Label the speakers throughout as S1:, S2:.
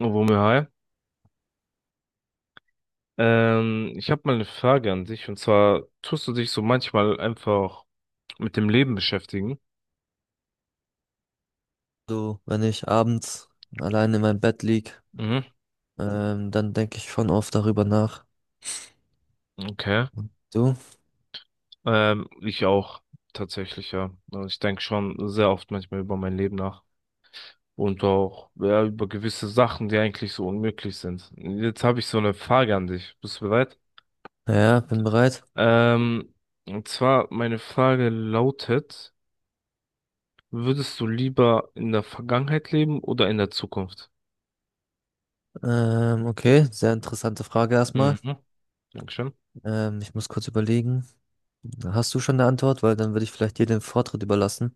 S1: Womir, hi. Ich habe mal eine Frage an dich und zwar tust du dich so manchmal einfach mit dem Leben beschäftigen?
S2: So, wenn ich abends allein in meinem Bett lieg,
S1: Mhm,
S2: dann denke ich schon oft darüber nach.
S1: okay.
S2: Du?
S1: Ich auch tatsächlich, ja. Also, ich denke schon sehr oft manchmal über mein Leben nach und auch ja, über gewisse Sachen, die eigentlich so unmöglich sind. Jetzt habe ich so eine Frage an dich. Bist du bereit?
S2: Ja, bin bereit.
S1: Ähm, und zwar meine Frage lautet, würdest du lieber in der Vergangenheit leben oder in der Zukunft?
S2: Okay, sehr interessante Frage erstmal.
S1: Mhm. Dankeschön.
S2: Ich muss kurz überlegen. Hast du schon eine Antwort? Weil dann würde ich vielleicht dir den Vortritt überlassen.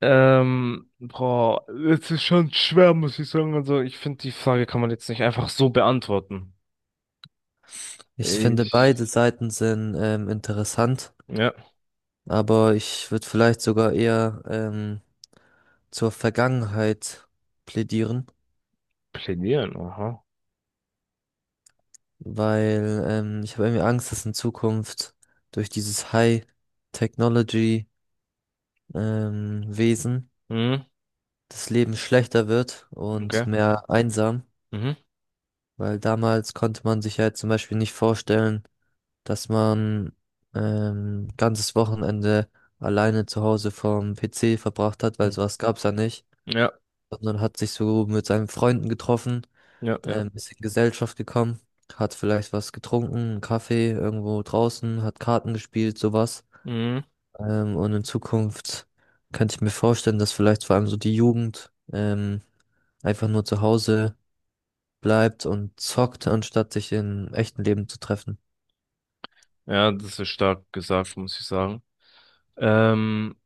S1: Boah, es ist schon schwer, muss ich sagen. Also, ich finde, die Frage kann man jetzt nicht einfach so beantworten.
S2: Ich finde,
S1: Ich,
S2: beide Seiten sind interessant,
S1: ja,
S2: aber ich würde vielleicht sogar eher zur Vergangenheit plädieren,
S1: plädieren, aha.
S2: weil ich habe irgendwie Angst, dass in Zukunft durch dieses High Technology Wesen
S1: Mhm,
S2: das Leben schlechter wird
S1: okay.
S2: und mehr einsam,
S1: Mhm.
S2: weil damals konnte man sich halt zum Beispiel nicht vorstellen, dass man ganzes Wochenende alleine zu Hause vom PC verbracht hat, weil
S1: Mhm.
S2: sowas gab's ja nicht,
S1: Ja,
S2: sondern hat sich so mit seinen Freunden getroffen,
S1: ja, ja.
S2: ist in Gesellschaft gekommen, hat vielleicht was getrunken, einen Kaffee irgendwo draußen, hat Karten gespielt, sowas.
S1: Mhm.
S2: Und in Zukunft könnte ich mir vorstellen, dass vielleicht vor allem so die Jugend einfach nur zu Hause bleibt und zockt, anstatt sich im echten Leben zu treffen.
S1: Ja, das ist stark gesagt, muss ich sagen. Ähm,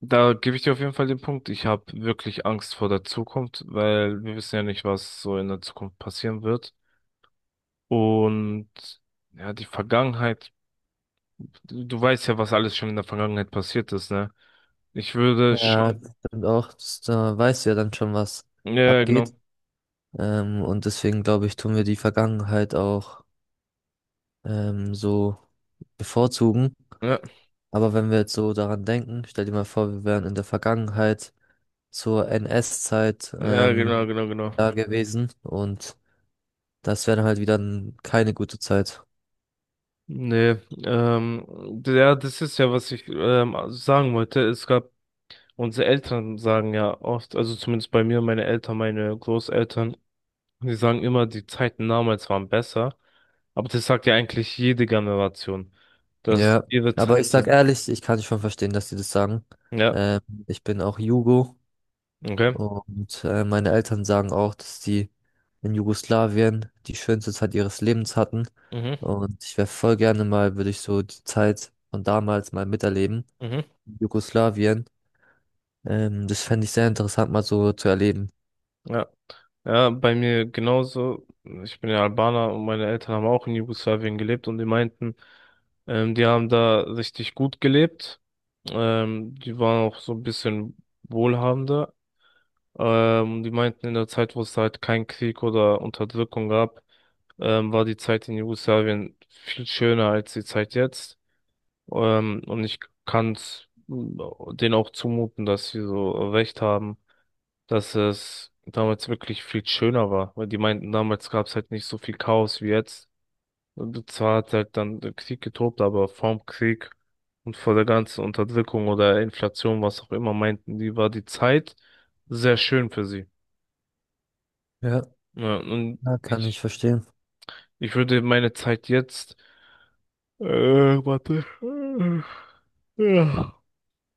S1: Da gebe ich dir auf jeden Fall den Punkt. Ich habe wirklich Angst vor der Zukunft, weil wir wissen ja nicht, was so in der Zukunft passieren wird. Und ja, die Vergangenheit. Du weißt ja, was alles schon in der Vergangenheit passiert ist, ne? Ich würde schon.
S2: Ja, das stimmt auch. Das, da weißt du ja dann schon, was
S1: Ja,
S2: abgeht.
S1: genau.
S2: Und deswegen glaube ich, tun wir die Vergangenheit auch so bevorzugen.
S1: Ja,
S2: Aber wenn wir jetzt so daran denken, stell dir mal vor, wir wären in der Vergangenheit zur NS-Zeit
S1: ja, genau, genau, genau.
S2: da gewesen und das wäre dann halt wieder keine gute Zeit.
S1: Nee, ja, das ist ja, was ich sagen wollte. Unsere Eltern sagen ja oft, also zumindest bei mir, meine Eltern, meine Großeltern, die sagen immer, die Zeiten damals waren besser. Aber das sagt ja eigentlich jede Generation, dass
S2: Ja,
S1: ihre
S2: aber ich
S1: Zeit,
S2: sag ehrlich, ich kann schon verstehen, dass die das sagen.
S1: ja,
S2: Ähm, ich bin auch Jugo
S1: okay.
S2: und meine Eltern sagen auch, dass die in Jugoslawien die schönste Zeit ihres Lebens hatten.
S1: Mhm,
S2: Und ich wäre voll gerne mal, würde ich so die Zeit von damals mal miterleben.
S1: mhm,
S2: In Jugoslawien. Das fände ich sehr interessant, mal so zu erleben.
S1: ja. Ja, bei mir genauso. Ich bin ja Albaner und meine Eltern haben auch in Jugoslawien gelebt und die meinten, die haben da richtig gut gelebt. Die waren auch so ein bisschen wohlhabender. Die meinten, in der Zeit, wo es halt keinen Krieg oder Unterdrückung gab, war die Zeit in Jugoslawien viel schöner als die Zeit jetzt. Und ich kann es denen auch zumuten, dass sie so recht haben, dass es damals wirklich viel schöner war, weil die meinten, damals gab es halt nicht so viel Chaos wie jetzt. Und zwar hat halt dann der Krieg getobt, aber vorm Krieg und vor der ganzen Unterdrückung oder Inflation, was auch immer, meinten die, war die Zeit sehr schön für sie.
S2: Ja,
S1: Ja, und
S2: ja, kann ich
S1: ich,
S2: verstehen.
S1: ich würde meine Zeit jetzt, äh, warte, ja,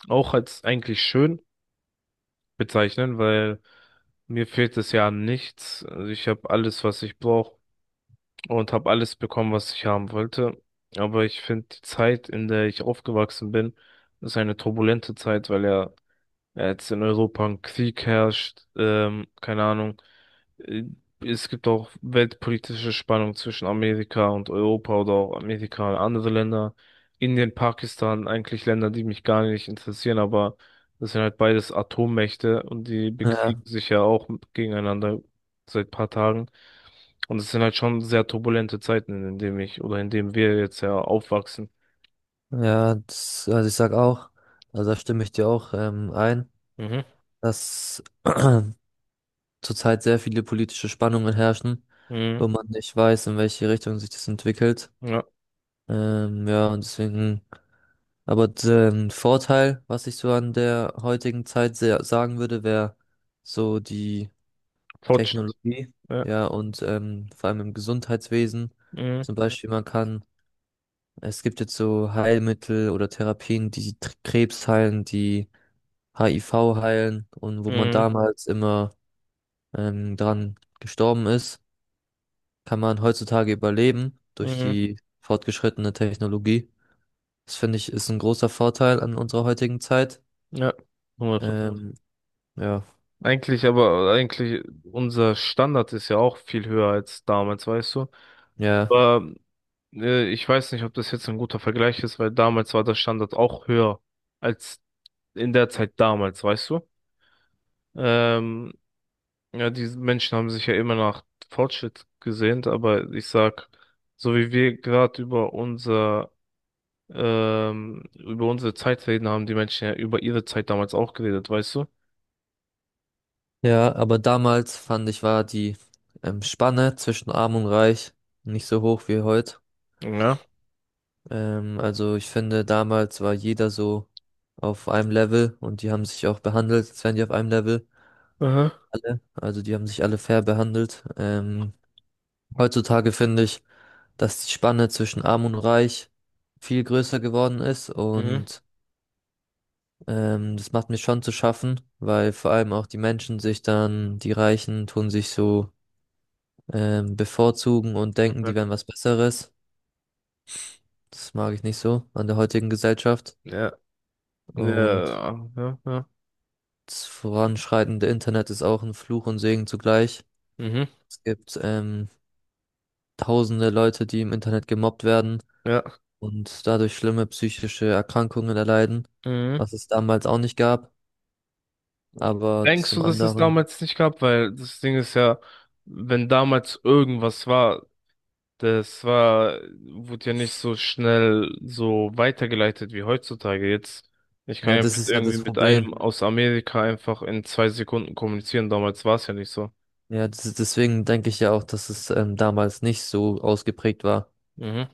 S1: auch als eigentlich schön bezeichnen, weil mir fehlt es ja an nichts. Also ich habe alles, was ich brauche und habe alles bekommen, was ich haben wollte. Aber ich finde, die Zeit, in der ich aufgewachsen bin, ist eine turbulente Zeit, weil ja, jetzt in Europa ein Krieg herrscht, keine Ahnung. Äh, Es gibt auch weltpolitische Spannungen zwischen Amerika und Europa oder auch Amerika und andere Länder. Indien, Pakistan, eigentlich Länder, die mich gar nicht interessieren, aber das sind halt beides Atommächte und die
S2: Ja,
S1: bekriegen sich ja auch gegeneinander seit paar Tagen. Und es sind halt schon sehr turbulente Zeiten, in denen ich oder in denen wir jetzt ja aufwachsen.
S2: ja, das, also ich sag auch, also da stimme ich dir auch ein.
S1: Mhm.
S2: Dass zurzeit sehr viele politische Spannungen herrschen,
S1: Mhm.
S2: wo man nicht weiß, in welche Richtung sich das entwickelt.
S1: Ja.
S2: Ja, und deswegen, aber den Vorteil, was ich so an der heutigen Zeit sehr sagen würde, wäre so die
S1: Fortschritt.
S2: Technologie,
S1: Ja.
S2: ja, und vor allem im Gesundheitswesen.
S1: Mhm.
S2: Zum Beispiel, man kann, es gibt jetzt so Heilmittel oder Therapien, die Krebs heilen, die HIV heilen und wo man
S1: Mhm.
S2: damals immer dran gestorben ist, kann man heutzutage überleben durch
S1: Mhm.
S2: die fortgeschrittene Technologie. Das finde ich ist ein großer Vorteil an unserer heutigen Zeit.
S1: Ja, 100%.
S2: Ähm, ja,
S1: Eigentlich, aber eigentlich, unser Standard ist ja auch viel höher als damals, weißt du?
S2: ja,
S1: Aber ich weiß nicht, ob das jetzt ein guter Vergleich ist, weil damals war der Standard auch höher als in der Zeit damals, weißt du? Ähm, ja, die Menschen haben sich ja immer nach Fortschritt gesehnt, aber ich sag, so wie wir gerade über unser über unsere Zeit reden, haben die Menschen ja über ihre Zeit damals auch geredet, weißt du?
S2: ja, aber damals fand ich, war die Spanne zwischen Arm und Reich nicht so hoch wie heute.
S1: Ja.
S2: Also ich finde, damals war jeder so auf einem Level und die haben sich auch behandelt, als wären die auf einem Level.
S1: Aha.
S2: Alle. Also die haben sich alle fair behandelt. Heutzutage finde ich, dass die Spanne zwischen Arm und Reich viel größer geworden ist
S1: Mhm.
S2: und das macht mir schon zu schaffen, weil vor allem auch die Menschen sich dann, die Reichen tun sich so bevorzugen und denken, die wären was Besseres. Das mag ich nicht so an der heutigen Gesellschaft.
S1: Ja,
S2: Und
S1: ja, ja, ja,
S2: das voranschreitende Internet ist auch ein Fluch und Segen zugleich.
S1: Mhm,
S2: Es gibt tausende Leute, die im Internet gemobbt werden
S1: ja.
S2: und dadurch schlimme psychische Erkrankungen erleiden,
S1: Mhm.
S2: was es damals auch nicht gab. Aber
S1: Denkst
S2: zum
S1: du, dass es
S2: anderen,
S1: damals nicht gab? Weil das Ding ist ja, wenn damals irgendwas war, das war, wurde ja nicht so schnell so weitergeleitet wie heutzutage. Jetzt, ich kann
S2: ja,
S1: ja
S2: das
S1: mit
S2: ist ja
S1: irgendwie
S2: das
S1: mit
S2: Problem.
S1: einem aus Amerika einfach in 2 Sekunden kommunizieren. Damals war es ja nicht so.
S2: Ja, das ist, deswegen denke ich ja auch, dass es damals nicht so ausgeprägt war.
S1: Mhm.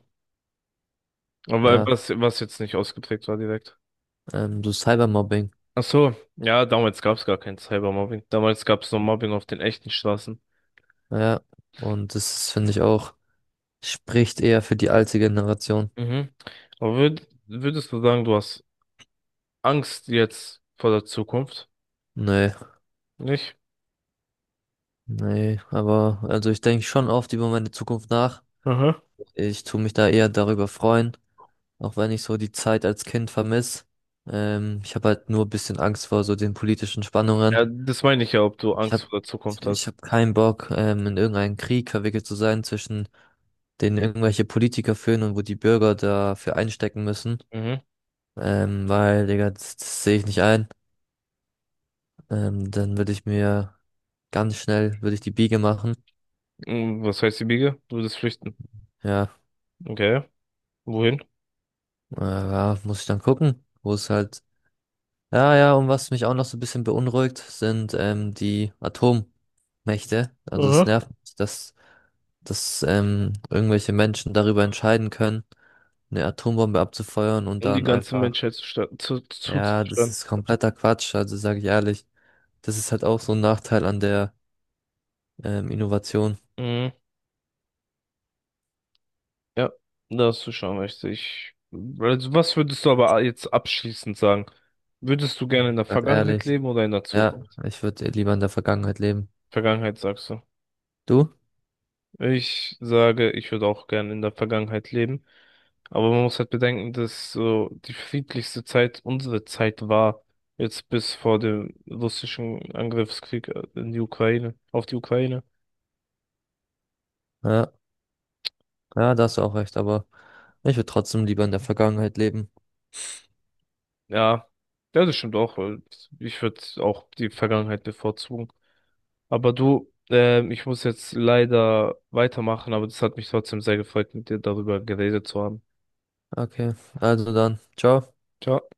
S1: Aber
S2: Ja,
S1: was, was jetzt nicht ausgeprägt war direkt.
S2: so Cybermobbing.
S1: Ach so, ja, damals gab es gar kein Cybermobbing. Damals gab es nur Mobbing auf den echten Straßen.
S2: Ja, und das finde ich auch, spricht eher für die alte Generation.
S1: Mhm. Aber würdest du sagen, du hast Angst jetzt vor der Zukunft?
S2: Nee,
S1: Nicht?
S2: nee, aber also ich denke schon oft über meine Zukunft nach.
S1: Aha.
S2: Ich tue mich da eher darüber freuen, auch wenn ich so die Zeit als Kind vermisse. Ich habe halt nur ein bisschen Angst vor so den politischen Spannungen.
S1: Ja, das meine ich ja, ob du
S2: Ich
S1: Angst
S2: habe
S1: vor der Zukunft
S2: Ich
S1: hast.
S2: hab keinen Bock, in irgendeinen Krieg verwickelt zu sein, zwischen den irgendwelche Politiker führen und wo die Bürger dafür einstecken müssen.
S1: Mhm.
S2: Weil, Digga, das sehe ich nicht ein. Dann würde ich mir würde ich die Biege machen.
S1: Mm, was heißt die Biege? Du würdest flüchten.
S2: Ja,
S1: Okay. Wohin?
S2: ja, muss ich dann gucken, wo es halt. Ja, ja, und was mich auch noch so ein bisschen beunruhigt, sind die Atommächte. Also es
S1: Aha.
S2: nervt mich, dass irgendwelche Menschen darüber entscheiden können, eine Atombombe abzufeuern und
S1: Um die
S2: dann
S1: ganze
S2: einfach,
S1: Menschheit
S2: ja, das
S1: zuzuschlagen.
S2: ist kompletter Quatsch, also sage ich ehrlich. Das ist halt auch so ein Nachteil an der Innovation,
S1: Mhm. Ja, da hast du schon recht. Ich, also was würdest du aber jetzt abschließend sagen? Würdest du gerne in der
S2: sag
S1: Vergangenheit
S2: ehrlich.
S1: leben oder in der
S2: Ja,
S1: Zukunft?
S2: ich würde lieber in der Vergangenheit leben.
S1: Vergangenheit sagst du.
S2: Du?
S1: Ich sage, ich würde auch gern in der Vergangenheit leben. Aber man muss halt bedenken, dass so die friedlichste Zeit unsere Zeit war, jetzt bis vor dem russischen Angriffskrieg in die Ukraine, auf die Ukraine.
S2: Ja, ja, da hast du auch recht, aber ich würde trotzdem lieber in der Vergangenheit leben.
S1: Ja, ja, das stimmt auch. Weil Ich würde auch die Vergangenheit bevorzugen. Aber du, ich muss jetzt leider weitermachen, aber das hat mich trotzdem sehr gefreut, mit dir darüber geredet zu haben.
S2: Okay, also dann, ciao.
S1: Ciao.